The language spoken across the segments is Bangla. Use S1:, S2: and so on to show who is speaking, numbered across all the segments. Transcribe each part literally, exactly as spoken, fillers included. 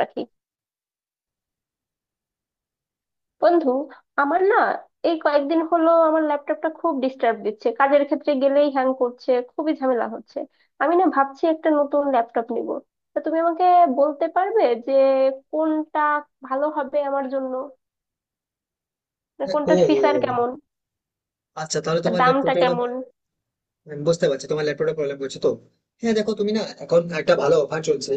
S1: রাখি বন্ধু, আমার না এই কয়েকদিন হলো আমার ল্যাপটপটা খুব ডিস্টার্ব দিচ্ছে, কাজের ক্ষেত্রে গেলেই হ্যাং করছে, খুবই ঝামেলা হচ্ছে। আমি না ভাবছি একটা নতুন ল্যাপটপ নিব। তা তুমি আমাকে বলতে পারবে যে কোনটা ভালো হবে আমার জন্য, মানে
S2: ও
S1: কোনটার
S2: ও,
S1: ফিচার
S2: ও।
S1: কেমন,
S2: আচ্ছা তাহলে
S1: তার
S2: তোমার
S1: দামটা
S2: ল্যাপটপটা ওটা,
S1: কেমন?
S2: আমি বুঝতে পারছি তোমার ল্যাপটপটা প্রবলেম করছে তো। হ্যাঁ দেখো, তুমি না এখন একটা ভালো অফার চলছে।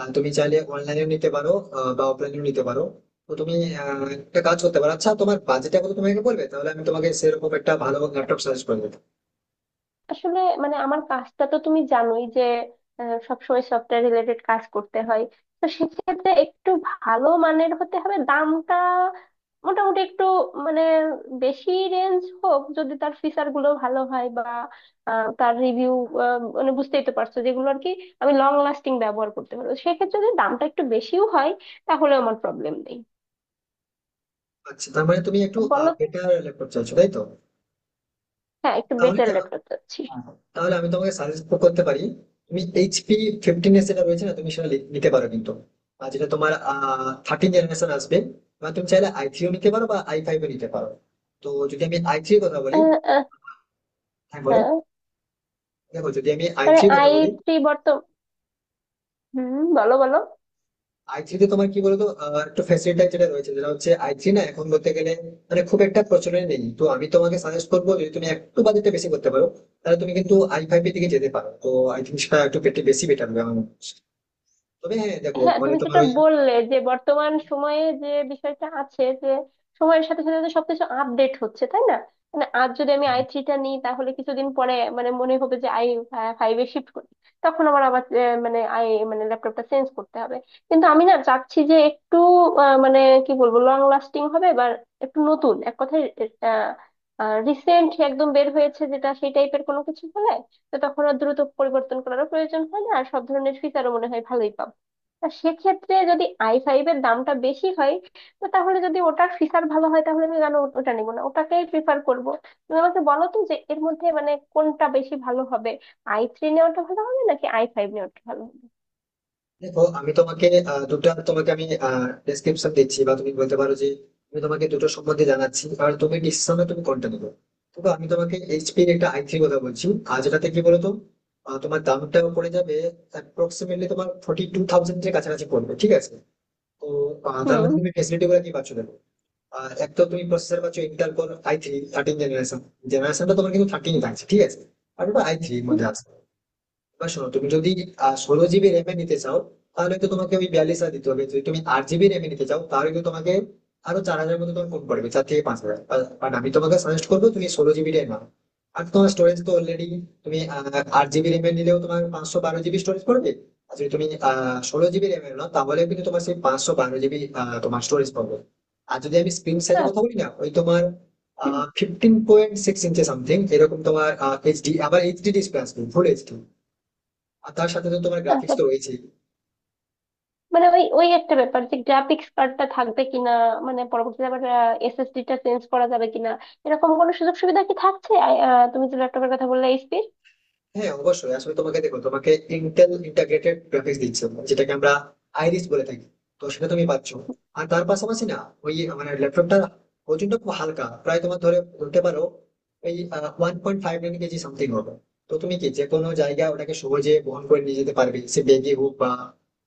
S2: আর তুমি চাইলে অনলাইনেও নিতে পারো, আহ, বা অফলাইনেও নিতে পারো। তো তুমি আহ, একটা কাজ করতে পারো। আচ্ছা তোমার বাজেটটা কত তুমি আমাকে বলবে, তাহলে আমি তোমাকে সেরকম একটা ভালো ল্যাপটপ সাজেস্ট করে দেবো।
S1: আসলে মানে আমার কাজটা তো তুমি জানোই যে আহ, সবসময় সফটওয়্যার রিলেটেড কাজ করতে হয়। তো সেক্ষেত্রে একটু ভালো মানের হতে হবে, দামটা মোটামুটি একটু মানে বেশি রেঞ্জ হোক যদি তার ফিচার গুলো ভালো হয় বা আহ, তার রিভিউ মানে বুঝতেই তো পারছো যেগুলো আর কি। আমি লং লাস্টিং ব্যবহার করতে পারবো, সেক্ষেত্রে যদি দামটা একটু বেশিও হয় তাহলে আমার প্রবলেম নেই।
S2: আচ্ছা তার মানে তুমি একটু
S1: বলো তো।
S2: বেটার ল্যাপটপ চাইছো তাই তো?
S1: হ্যাঁ, একটু
S2: তাহলে
S1: বেটার ল্যাপটপ চাচ্ছি।
S2: তাহলে আমি তোমাকে সাজেস্ট করতে পারি। তুমি এইচপি ফিফটিন এ যেটা রয়েছে না, তুমি সেটা লি- নিতে পারো। কিন্তু আর যেটা তোমার থার্টিন জেনারেশন আসবে, এবার তুমি চাইলে আই থ্রিও নিতে পারো বা আই ফাইভও নিতে পারো। তো যদি আমি আই থ্রির কথা বলি,
S1: আহ, আহ,
S2: হ্যাঁ বলো,
S1: হ্যাঁ।
S2: দেখো যদি আমি আই
S1: মানে
S2: থ্রির কথা
S1: আই
S2: বলি,
S1: থ্রি বর্তমান। হুম, বলো বলো।
S2: আই থ্রিতে তোমার কি বলতো, আহ, একটু ফ্যাসিলিটি যেটা রয়েছে, যেটা হচ্ছে আই থ্রি না এখন বলতে গেলে মানে খুব একটা প্রচলন নেই। তো আমি তোমাকে সাজেস্ট করবো যদি তুমি একটু বাজেটটা বেশি করতে পারো, তাহলে তুমি কিন্তু আই ফাইভ এর দিকে যেতে পারো। তো আই থিঙ্ক সেটা একটু বেশি বেটার হবে আমার মনে হয়। তবে হ্যাঁ দেখো
S1: হ্যাঁ,
S2: মানে
S1: তুমি
S2: তোমার
S1: যেটা
S2: ওই,
S1: বললে যে বর্তমান সময়ে যে বিষয়টা আছে, যে সময়ের সাথে সাথে তো সবকিছু আপডেট হচ্ছে, তাই না? মানে আজ যদি আমি আই থ্রিটা নিই তাহলে কিছুদিন পরে মানে মনে হবে যে আই ফাইভে শিফট করি, তখন আমার আবার আহ, মানে আই মানে ল্যাপটপটা চেঞ্জ করতে হবে। কিন্তু আমি না চাচ্ছি যে একটু আহ, মানে কি বলবো লং লাস্টিং হবে বা একটু নতুন, এক কথায় রিসেন্ট একদম বের হয়েছে যেটা, সেই টাইপের কোনো কিছু হলে তো তখন আর দ্রুত পরিবর্তন করারও প্রয়োজন হয় না, আর সব ধরনের ফিচারও মনে হয় ভালোই পাবো। তা সেক্ষেত্রে যদি আই ফাইভ এর দামটা বেশি হয়, তো তাহলে যদি ওটার ফিচার ভালো হয় তাহলে আমি কেন ও- ওটা নিবো না, ওটাকেই প্রিফার করব। তুমি আমাকে বলো তো যে এর মধ্যে মানে কোনটা বেশি ভালো হবে, আই থ্রি নেওয়াটা ভালো হবে নাকি আই ফাইভ নেওয়াটা ভালো হবে?
S2: দেখো আমি তোমাকে আহ, দুটো তোমাকে আমি ডেসক্রিপশন দিচ্ছি, বা তুমি বলতে পারো যে আমি তোমাকে দুটো সম্বন্ধে জানাচ্ছি, আর তুমি ডিসিশনে তুমি কোনটা নেবে। তবে আমি তোমাকে এইচপি এর একটা আই থ্রি কথা বলছি, আর যেটাতে কি বলতো, আহ, তোমার দামটা পড়ে যাবে অ্যাপ্রক্সিমেটলি তোমার ফোর্টি টু থাউজেন্ড এর কাছাকাছি পড়বে, ঠিক আছে? তো আহ, তার
S1: হুম।
S2: মধ্যে তুমি ফেসিলিটি গুলো কি পাচ্ছ দেখো। আর এক তো তুমি প্রসেসর পাচ্ছ Intel core I three thirteen generation, জেনারেশনটা তোমার কিন্তু থার্টিন থাকছে, ঠিক আছে? আর ওটা আই থ্রির
S1: হুম,
S2: মধ্যে আছে। এবার শোনো তুমি যদি ষোলো জিবি র্যামে নিতে চাও তাহলে তো তোমাকে ওই বিয়াল্লিশ হাজার দিতে হবে, যদি তুমি আট জিবি র্যামে নিতে চাও তাহলে তো তোমাকে আরো চার হাজার মতো তোমার কম পড়বে, চার থেকে পাঁচ হাজার। বাট আমি তোমাকে সাজেস্ট করবো তুমি ষোলো জিবিটাই নাও। আর তোমার স্টোরেজ তো অলরেডি তুমি আহ, আট জিবি র্যামে নিলেও তোমার পাঁচশো বারো জিবি স্টোরেজ পড়বে। আর যদি তুমি আহ ষোলো জিবি র্যামে নাও তাহলে কিন্তু তোমার সেই পাঁচশো বারো জিবি তোমার স্টোরেজ পাবে। আর যদি আমি স্ক্রিন সাইজের কথা
S1: আচ্ছা।
S2: বলি না, ওই তোমার
S1: হুম,
S2: fifteen point six inch something এরকম তোমার এইচডি, আবার এইচডি ডিসপ্লে আসবে ফুল এইচডি। আর তার সাথে তো তোমার গ্রাফিক্স
S1: আচ্ছা,
S2: তো রয়েছেই।
S1: মানে ওই ওই একটা ব্যাপার যে গ্রাফিক্স কার্ডটা থাকবে কিনা, মানে পরবর্তীতে আবার এসএসডি টা চেঞ্জ করা যাবে কিনা, এরকম কোনো সুযোগ সুবিধা কি থাকছে আই- আহ, তুমি যে ল্যাপটপের কথা বললে এইচপির?
S2: হ্যাঁ অবশ্যই, আসলে তোমাকে দেখো তোমাকে ইন্টেল ইন্টাগ্রেটেড গ্রাফিক্স দিচ্ছে যেটাকে আমরা আইরিস বলে থাকি। তো সেটা তুমি পাচ্ছ। আর তার পাশাপাশি না ওই মানে ল্যাপটপটা ওজনটা খুব হালকা, প্রায় তোমার ধরে বলতে পারো ওই one point five nine KG something হবে। তো তুমি কি যে কোনো জায়গায় ওটাকে সহজে বহন করে নিয়ে যেতে পারবে, সে ব্যাগে হোক বা,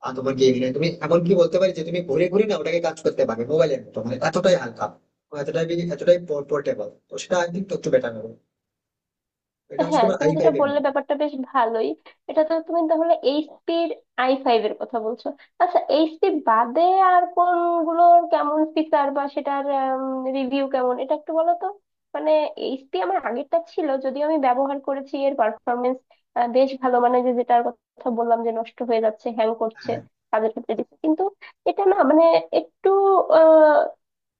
S2: আর তোমার কি এমনি তুমি এমন কি বলতে পারি যে তুমি ঘুরে ঘুরে না ওটাকে কাজ করতে পারবে মোবাইলের মতো, মানে এতটাই হালকা, এতটাই এতটাই পোর্টেবল। তো সেটা আই থিঙ্ক একটু বেটার হবে। এটা হচ্ছে
S1: হ্যাঁ,
S2: তোমার
S1: তুমি
S2: আই
S1: যেটা
S2: ফাইভ এর
S1: বললে
S2: মধ্যে।
S1: ব্যাপারটা বেশ ভালোই। এটা তো তুমি তাহলে এইচপি আই ফাইভ এর কথা বলছো। আচ্ছা, এইচপি বাদে আর কোনগুলোর কেমন ফিচার বা সেটার রিভিউ কেমন এটা একটু বলো তো। মানে এইচপি আমার আগেরটা ছিল, যদিও আমি ব্যবহার করেছি এর পারফরমেন্স বেশ ভালো, মানে যে যেটার কথা বললাম যে নষ্ট হয়ে যাচ্ছে, হ্যাং করছে,
S2: হ্যাঁ
S1: কাজের ক্ষেত্রে দিচ্ছে। কিন্তু এটা না মানে একটু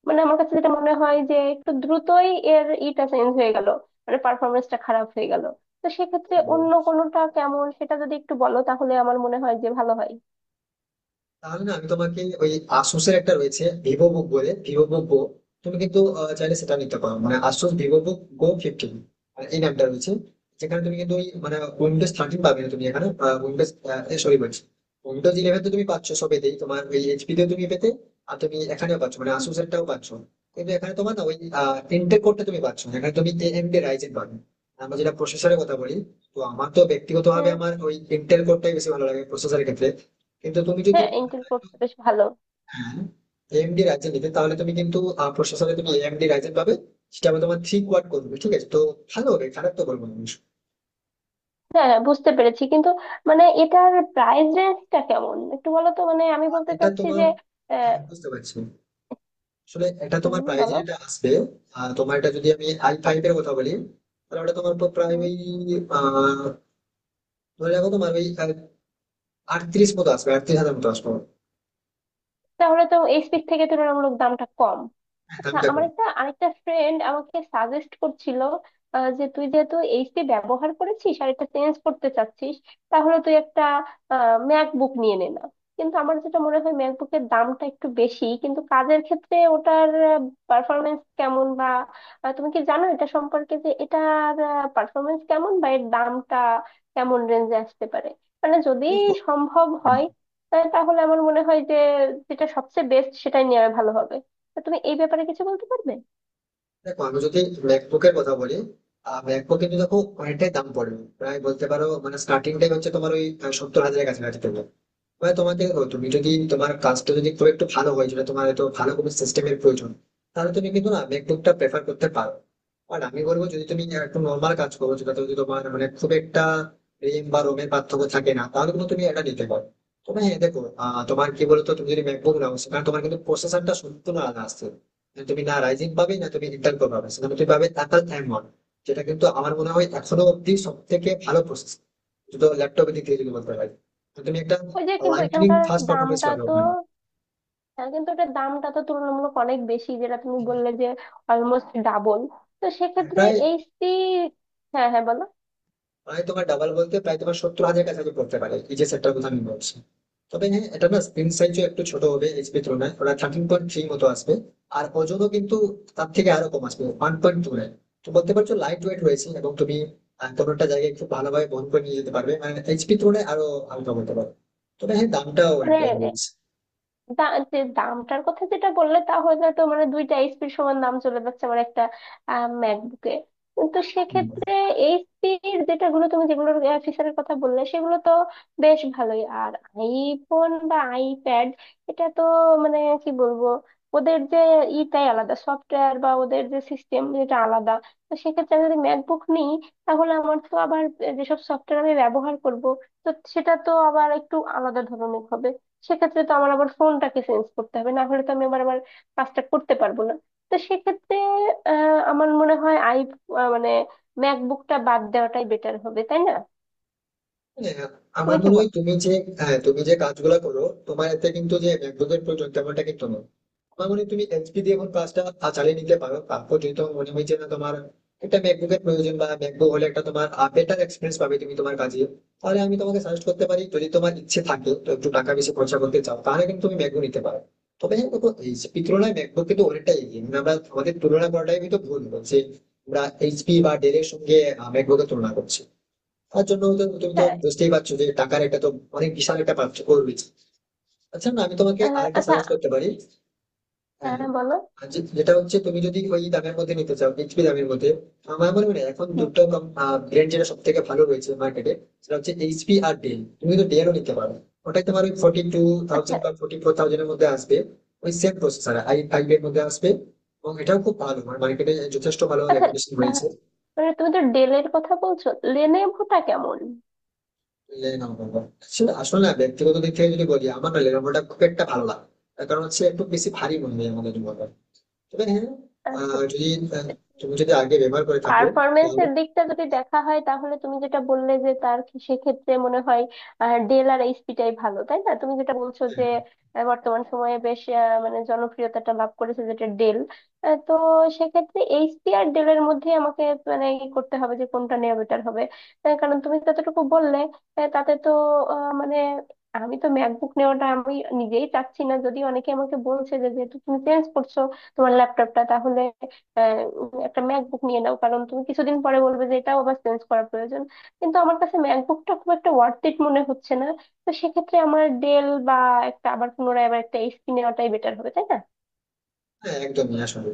S1: মানে আমার কাছে যেটা মনে হয় যে একটু দ্রুতই এর ইটা চেঞ্জ হয়ে গেল, মানে পারফরমেন্সটা খারাপ হয়ে গেল। তো সেক্ষেত্রে
S2: ও,
S1: অন্য কোনোটা কেমন সেটা যদি একটু বলো তাহলে আমার মনে হয় যে ভালো হয়।
S2: তাহলে না আমি তোমাকে ওই আসুসের একটা রয়েছে ভিভো বুক বলে, ভিভো বুক গো, তুমি কিন্তু আহ, চাইলে সেটা নিতে পারো, মানে Asus Vivobook go fifteen এই নামটা রয়েছে। যেখানে তুমি কিন্তু ওই মানে উইন্ডোজ থার্টিন পাবে না তুমি এখানে, উইন্ডোজ, সরি বলছি, উইন্ডোজ ইলেভেন তো তুমি পাচ্ছ সবেতেই, তোমার ওই এইচপি তেও তুমি পেতে, আর তুমি এখানেও পাচ্ছ মানে আসুসেরটাও পাচ্ছ। কিন্তু এখানে তোমার না ওই ইন্টেল কোডটা তুমি পাচ্ছ না। এখানে তুমি এএমডি রাইজেন পাবে, আমরা যেটা প্রসেসরের কথা বলি। তো আমার তো ব্যক্তিগতভাবে
S1: হ্যাঁ।
S2: আমার ওই ইন্টেল কোডটাই বেশি ভালো লাগে প্রসেসরের ক্ষেত্রে। কিন্তু তুমি যদি,
S1: হ্যাঁ, ইন্টেল করতে বেশ ভালো।
S2: হ্যাঁ, এএমডি রাইজেন নিতে তাহলে তুমি কিন্তু আহ, প্রসেসরে তুমি এএমডি রাইজেন পাবে। সেটা আবার তোমার থ্রি কোয়াড করবে, ঠিক আছে? তো ভালো হবে, খারাপ তো বলবো না আমি।
S1: হ্যাঁ হ্যাঁ, বুঝতে পেরেছি। কিন্তু মানে এটার প্রাইস রেঞ্জটা কেমন একটু বলো তো, মানে আমি বলতে
S2: এটা
S1: চাচ্ছি
S2: তোমার,
S1: যে আহ,
S2: হ্যাঁ, বুঝতে পারছি। আসলে এটা তোমার
S1: হুম,
S2: প্রাইস
S1: বলো।
S2: যেটা আসবে, আহ, তোমার এটা যদি আমি আই ফাইভ এর কথা বলি তাহলে ওটা তোমার পর প্রায়
S1: হুম,
S2: ওই, আহ, ধরে রাখো তোমার ওই আটত্রিশ মতো আসবে, আটত্রিশ হাজার মতো আসবে।
S1: তাহলে তো এইচপির থেকে তুলনামূলক দামটা কম।
S2: হ্যাঁ
S1: আচ্ছা,
S2: দামটা
S1: আমার একটা আরেকটা ফ্রেন্ড আমাকে সাজেস্ট করছিল আহ, যে তুই যেহেতু এইচপি ব্যবহার করেছিস আর এটা চেঞ্জ করতে চাচ্ছিস তাহলে তুই একটা ম্যাকবুক নিয়ে নে না। কিন্তু আমার যেটা মনে হয় ম্যাকবুকের দামটা একটু বেশি, কিন্তু কাজের ক্ষেত্রে ওটার পারফরমেন্স কেমন বা আহ, তুমি কি জানো এটা সম্পর্কে, যে এটার পারফরমেন্স কেমন বা এর দামটা কেমন রেঞ্জে আসতে পারে, মানে যদি
S2: কম।
S1: সম্ভব হয়, আহ, তাহলে আমার মনে হয় যে যেটা সবচেয়ে বেস্ট সেটাই নেওয়া ভালো হবে। তা তুমি এই ব্যাপারে কিছু বলতে পারবে?
S2: দেখো আমি যদি ম্যাকবুকের কথা বলি, ম্যাকবুক কিন্তু দেখো অনেকটাই দাম পড়বে, প্রায় বলতে পারো মানে স্টার্টিং টাইম হচ্ছে তোমার ওই আহ, সত্তর হাজারের কাছাকাছি পড়বে। মানে তোমাকে ও তুমি যদি তোমার কাজটা যদি খুব একটু ভালো হয়, যেটা তোমার হয়তো ভালো কোনো সিস্টেমের প্রয়োজন, তাহলে তুমি কিন্তু না ম্যাকবুকটা প্রেফার করতে পারো। আর আমি বলবো যদি তুমি একটু নর্মাল কাজ করো যেটা যদি তোমার মানে খুব একটা রেম বা রোমের পার্থক্য থাকে না, তাহলে কিন্তু তুমি এটা নিতে পারো। তবে হ্যাঁ দেখো, আহ, তোমার কি বলতো তুমি যদি ম্যাকবুক নাও সেখানে তোমার কিন্তু প্রসেসরটা সম্পূর্ণ আলাদা আসছে, মানে তুমি না রাইজিং পাবে না, তুমি ইন্টেল কোর পাবে, সেখানে তুমি পাবে অ্যাপল থাইম, যেটা কিন্তু আমার মনে হয় এখনো অব্দি সব থেকে ভালো প্রসেস, তো ল্যাপটপের দিক থেকে যদি বলতে পারি, তো তুমি একটা
S1: ওই যে কিন্তু
S2: লাইটনিং
S1: এখানকার
S2: ফার্স্ট পারফরমেন্স
S1: দামটা
S2: পাবে
S1: তো,
S2: ওখানে।
S1: হ্যাঁ কিন্তু এটার দামটা তো তুলনামূলক অনেক বেশি যেটা তুমি বললে যে অলমোস্ট ডাবল। তো সেক্ষেত্রে
S2: প্রায়
S1: এইচসি। হ্যাঁ হ্যাঁ, বলো।
S2: প্রায় তোমার ডাবল বলতে প্রায় তোমার সত্তর হাজার কাছাকাছি পড়তে পারে এই যে সেটটার কথা আমি বলছি। তবে হ্যাঁ, এটা না স্ক্রিন সাইজও একটু ছোট হবে এইচপি তুলনায়, ওটা থার্টিন পয়েন্ট থ্রি মতো আসবে। আর ওজনও কিন্তু তার থেকে আরো কম আসবে, ওয়ান পয়েন্ট টু নাইন। তো বলতে পারছো লাইট ওয়েট রয়েছে, এবং তুমি আহ, কোনো একটা জায়গায় খুব ভালোভাবে বহন করে নিয়ে যেতে পারবে, মানে এইচপি তুলনায় আরো হালকা বলতে পারো। তবে হ্যাঁ দামটাও অনেকটা
S1: মানে
S2: রয়েছে।
S1: দা যে দামটার কথা যেটা বললে তা হয়তো তো মানে দুইটা এইচপির সমান দাম চলে যাচ্ছে আমার একটা ম্যাকবুকে। কিন্তু সেক্ষেত্রে
S2: হুম।
S1: এইচপির যেটাগুলো তুমি, যেগুলোর ফিচারের কথা বললে সেগুলো তো বেশ ভালোই। আর আইফোন বা আইপ্যাড এটা তো মানে কি বলবো, ওদের যে ইটাই আলাদা সফটওয়্যার বা ওদের যে সিস্টেম যেটা আলাদা, তো সেক্ষেত্রে আমি যদি ম্যাকবুক নিই তাহলে আমার তো আবার যেসব সফটওয়্যার আমি ব্যবহার করব, তো সেটা তো আবার একটু আলাদা ধরনের হবে। সেক্ষেত্রে তো আমার আবার ফোনটাকে চেঞ্জ করতে হবে, না হলে তো আমি আবার আমার কাজটা করতে পারবো না। তো সেক্ষেত্রে আহ, আমার মনে হয় আই আহ, মানে ম্যাকবুকটা বাদ দেওয়াটাই বেটার হবে, তাই না?
S2: হ্যাঁ, আমার
S1: তুমি কি
S2: মনে হয়
S1: বলো?
S2: তুমি যে, হ্যাঁ, তুমি যে কাজগুলো করো তোমার এতে কিন্তু যে ম্যাকবুকের প্রয়োজন তেমনটা কিন্তু নয়। আমার মনে হয় তুমি এইচপি দিয়ে এখন কাজটা আহ, চালিয়ে নিতে পারো, তারপর যদি তোমার মনে হয় যে না তোমার একটা ম্যাকবুকের প্রয়োজন বা ম্যাকবুক হলে একটা তোমার বেটার এক্সপিরিয়েন্স পাবে তুমি তোমার কাজে, তাহলে আমি তোমাকে সাজেস্ট করতে পারি যদি তোমার ইচ্ছে থাকে তো একটু টাকা বেশি খরচা করতে চাও তাহলে কিন্তু তুমি ম্যাকবুক নিতে পারো। তবে হ্যাঁ দেখো এইচপি তুলনায় ম্যাকবুক কিন্তু অনেকটাই এগিয়ে, মানে আমরা আমাদের তুলনা করাটাই আমি তো ভুল বলছি, আমরা এইচপি বা ডেল এর সঙ্গে ম্যাকবুকের তুলনা করছি, তার জন্য তো তুমি তো
S1: হ্যাঁ।
S2: বুঝতেই পারছো যে টাকার একটা তো অনেক বিশাল একটা পার্থক্য রয়েছে। আচ্ছা না, আমি তোমাকে
S1: আহ,
S2: আরেকটা
S1: আচ্ছা।
S2: সাজেস্ট করতে পারি। হ্যাঁ
S1: হ্যাঁ,
S2: হ্যাঁ।
S1: বলো।
S2: আর যে- যেটা হচ্ছে তুমি যদি ওই দামের মধ্যে নিতে চাও, বিক্রি দামের মধ্যে আমার মনে হয় না, এখন
S1: হুম,
S2: দুটো ব্র্যান্ড যেটা সব থেকে ভালো রয়েছে মার্কেটে, সেটা হচ্ছে এইচপি আর ডেল, তুমি তো ডেলও নিতে পারো। ওটাই তোমার ওই ফর্টি টু
S1: আচ্ছা।
S2: থাউজেন্ড বা ফোর্টি ফোর থাউজেন্ডের মধ্যে আসবে, ওই সেম প্রসেসর আই ফাইভ এর মধ্যে আসবে। এবং এটাও খুব ভালো, মানে মার্কেটে যথেষ্ট ভালো
S1: আচ্ছা,
S2: রেপুটেশন
S1: আহ,
S2: রয়েছে।
S1: মানে তুমি তো ডেলের কথা বলছো, লেনেভোটা কেমন?
S2: লেনোভো, আসলে আসলে না ব্যক্তিগত দিক থেকে যদি বলি আমার না লেনোভোটা খুব একটা ভালো লাগে। তার কারণ হচ্ছে একটু বেশি ভারী মনে হয় আমাদের জন্য। তবে হ্যাঁ,
S1: আচ্ছা,
S2: আহ, যদি আহ, তুমি যদি আগে ব্যবহার করে থাকো তাহলে,
S1: পারফরমেন্সের দিকটা যদি দেখা হয় তাহলে তুমি যেটা বললে যে তার খে- সেক্ষেত্রে মনে হয় আহ, ডেল আর এইচপিটাই ভালো, তাই না? তুমি যেটা বলছো যে
S2: হ্যাঁ
S1: আহ, বর্তমান সময়ে বেশ আহ, মানে জনপ্রিয়তাটা লাভ করেছে যেটা ডেল। আহ, তো সেক্ষেত্রে এইচপি আর ডেলের মধ্যে আমাকে মানে ই করতে হবে যে কোনটা নেওয়া বেটার হবে। আহ, কারণ তুমি যতটুকু বললে আহ, তাতে তো আহ, মানে আমি তো ম্যাকবুক নেওয়াটা আমি নিজেই চাচ্ছি না, যদি অনেকে আমাকে বলছে যে যেহেতু তুমি চেঞ্জ করছো তোমার ল্যাপটপটা তাহলে আহ, উম, একটা ম্যাকবুক নিয়ে নাও, কারণ তুমি কিছুদিন পরে বলবে যে এটাও আবার চেঞ্জ করা প্রয়োজন। কিন্তু আমার কাছে ম্যাকবুকটা খুব একটা ওয়ার্থ ইট মনে হচ্ছে না। তো সেক্ষেত্রে আমার ডেল বা একটা আবার পুনরায় আবার একটা এইচপি নেওয়াটাই বেটার হবে, তাই না?
S2: হ্যাঁ, একদমই। আসলে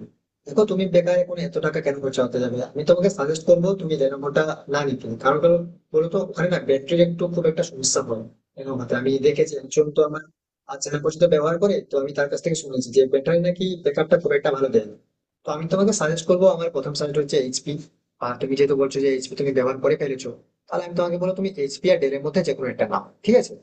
S2: দেখো তুমি বেকার এখন এত টাকা কেন খরচা যাবে, আমি তোমাকে সাজেস্ট করবো তুমি লেনোভোটা না নিতে, কারণ কারণ বলতো ওখানে না ব্যাটারির একটু খুব একটা সমস্যা হয় লেনোভোতে। আমি দেখেছি একজন তো আমার চেনা পরিচিত ব্যবহার করে, তো আমি তার কাছ থেকে শুনেছি যে ব্যাটারি নাকি ব্যাকআপটা খুব একটা ভালো দেয় না। তো আমি তোমাকে সাজেস্ট করবো, আমার প্রথম সাজেস্ট হচ্ছে এইচপি। আর তুমি যেহেতু বলছো যে এইচপি তুমি ব্যবহার করে ফেলেছো, তাহলে আমি তোমাকে বলবো তুমি এইচপি আর ডেলের মধ্যে যে কোনো একটা নাও, ঠিক আছে?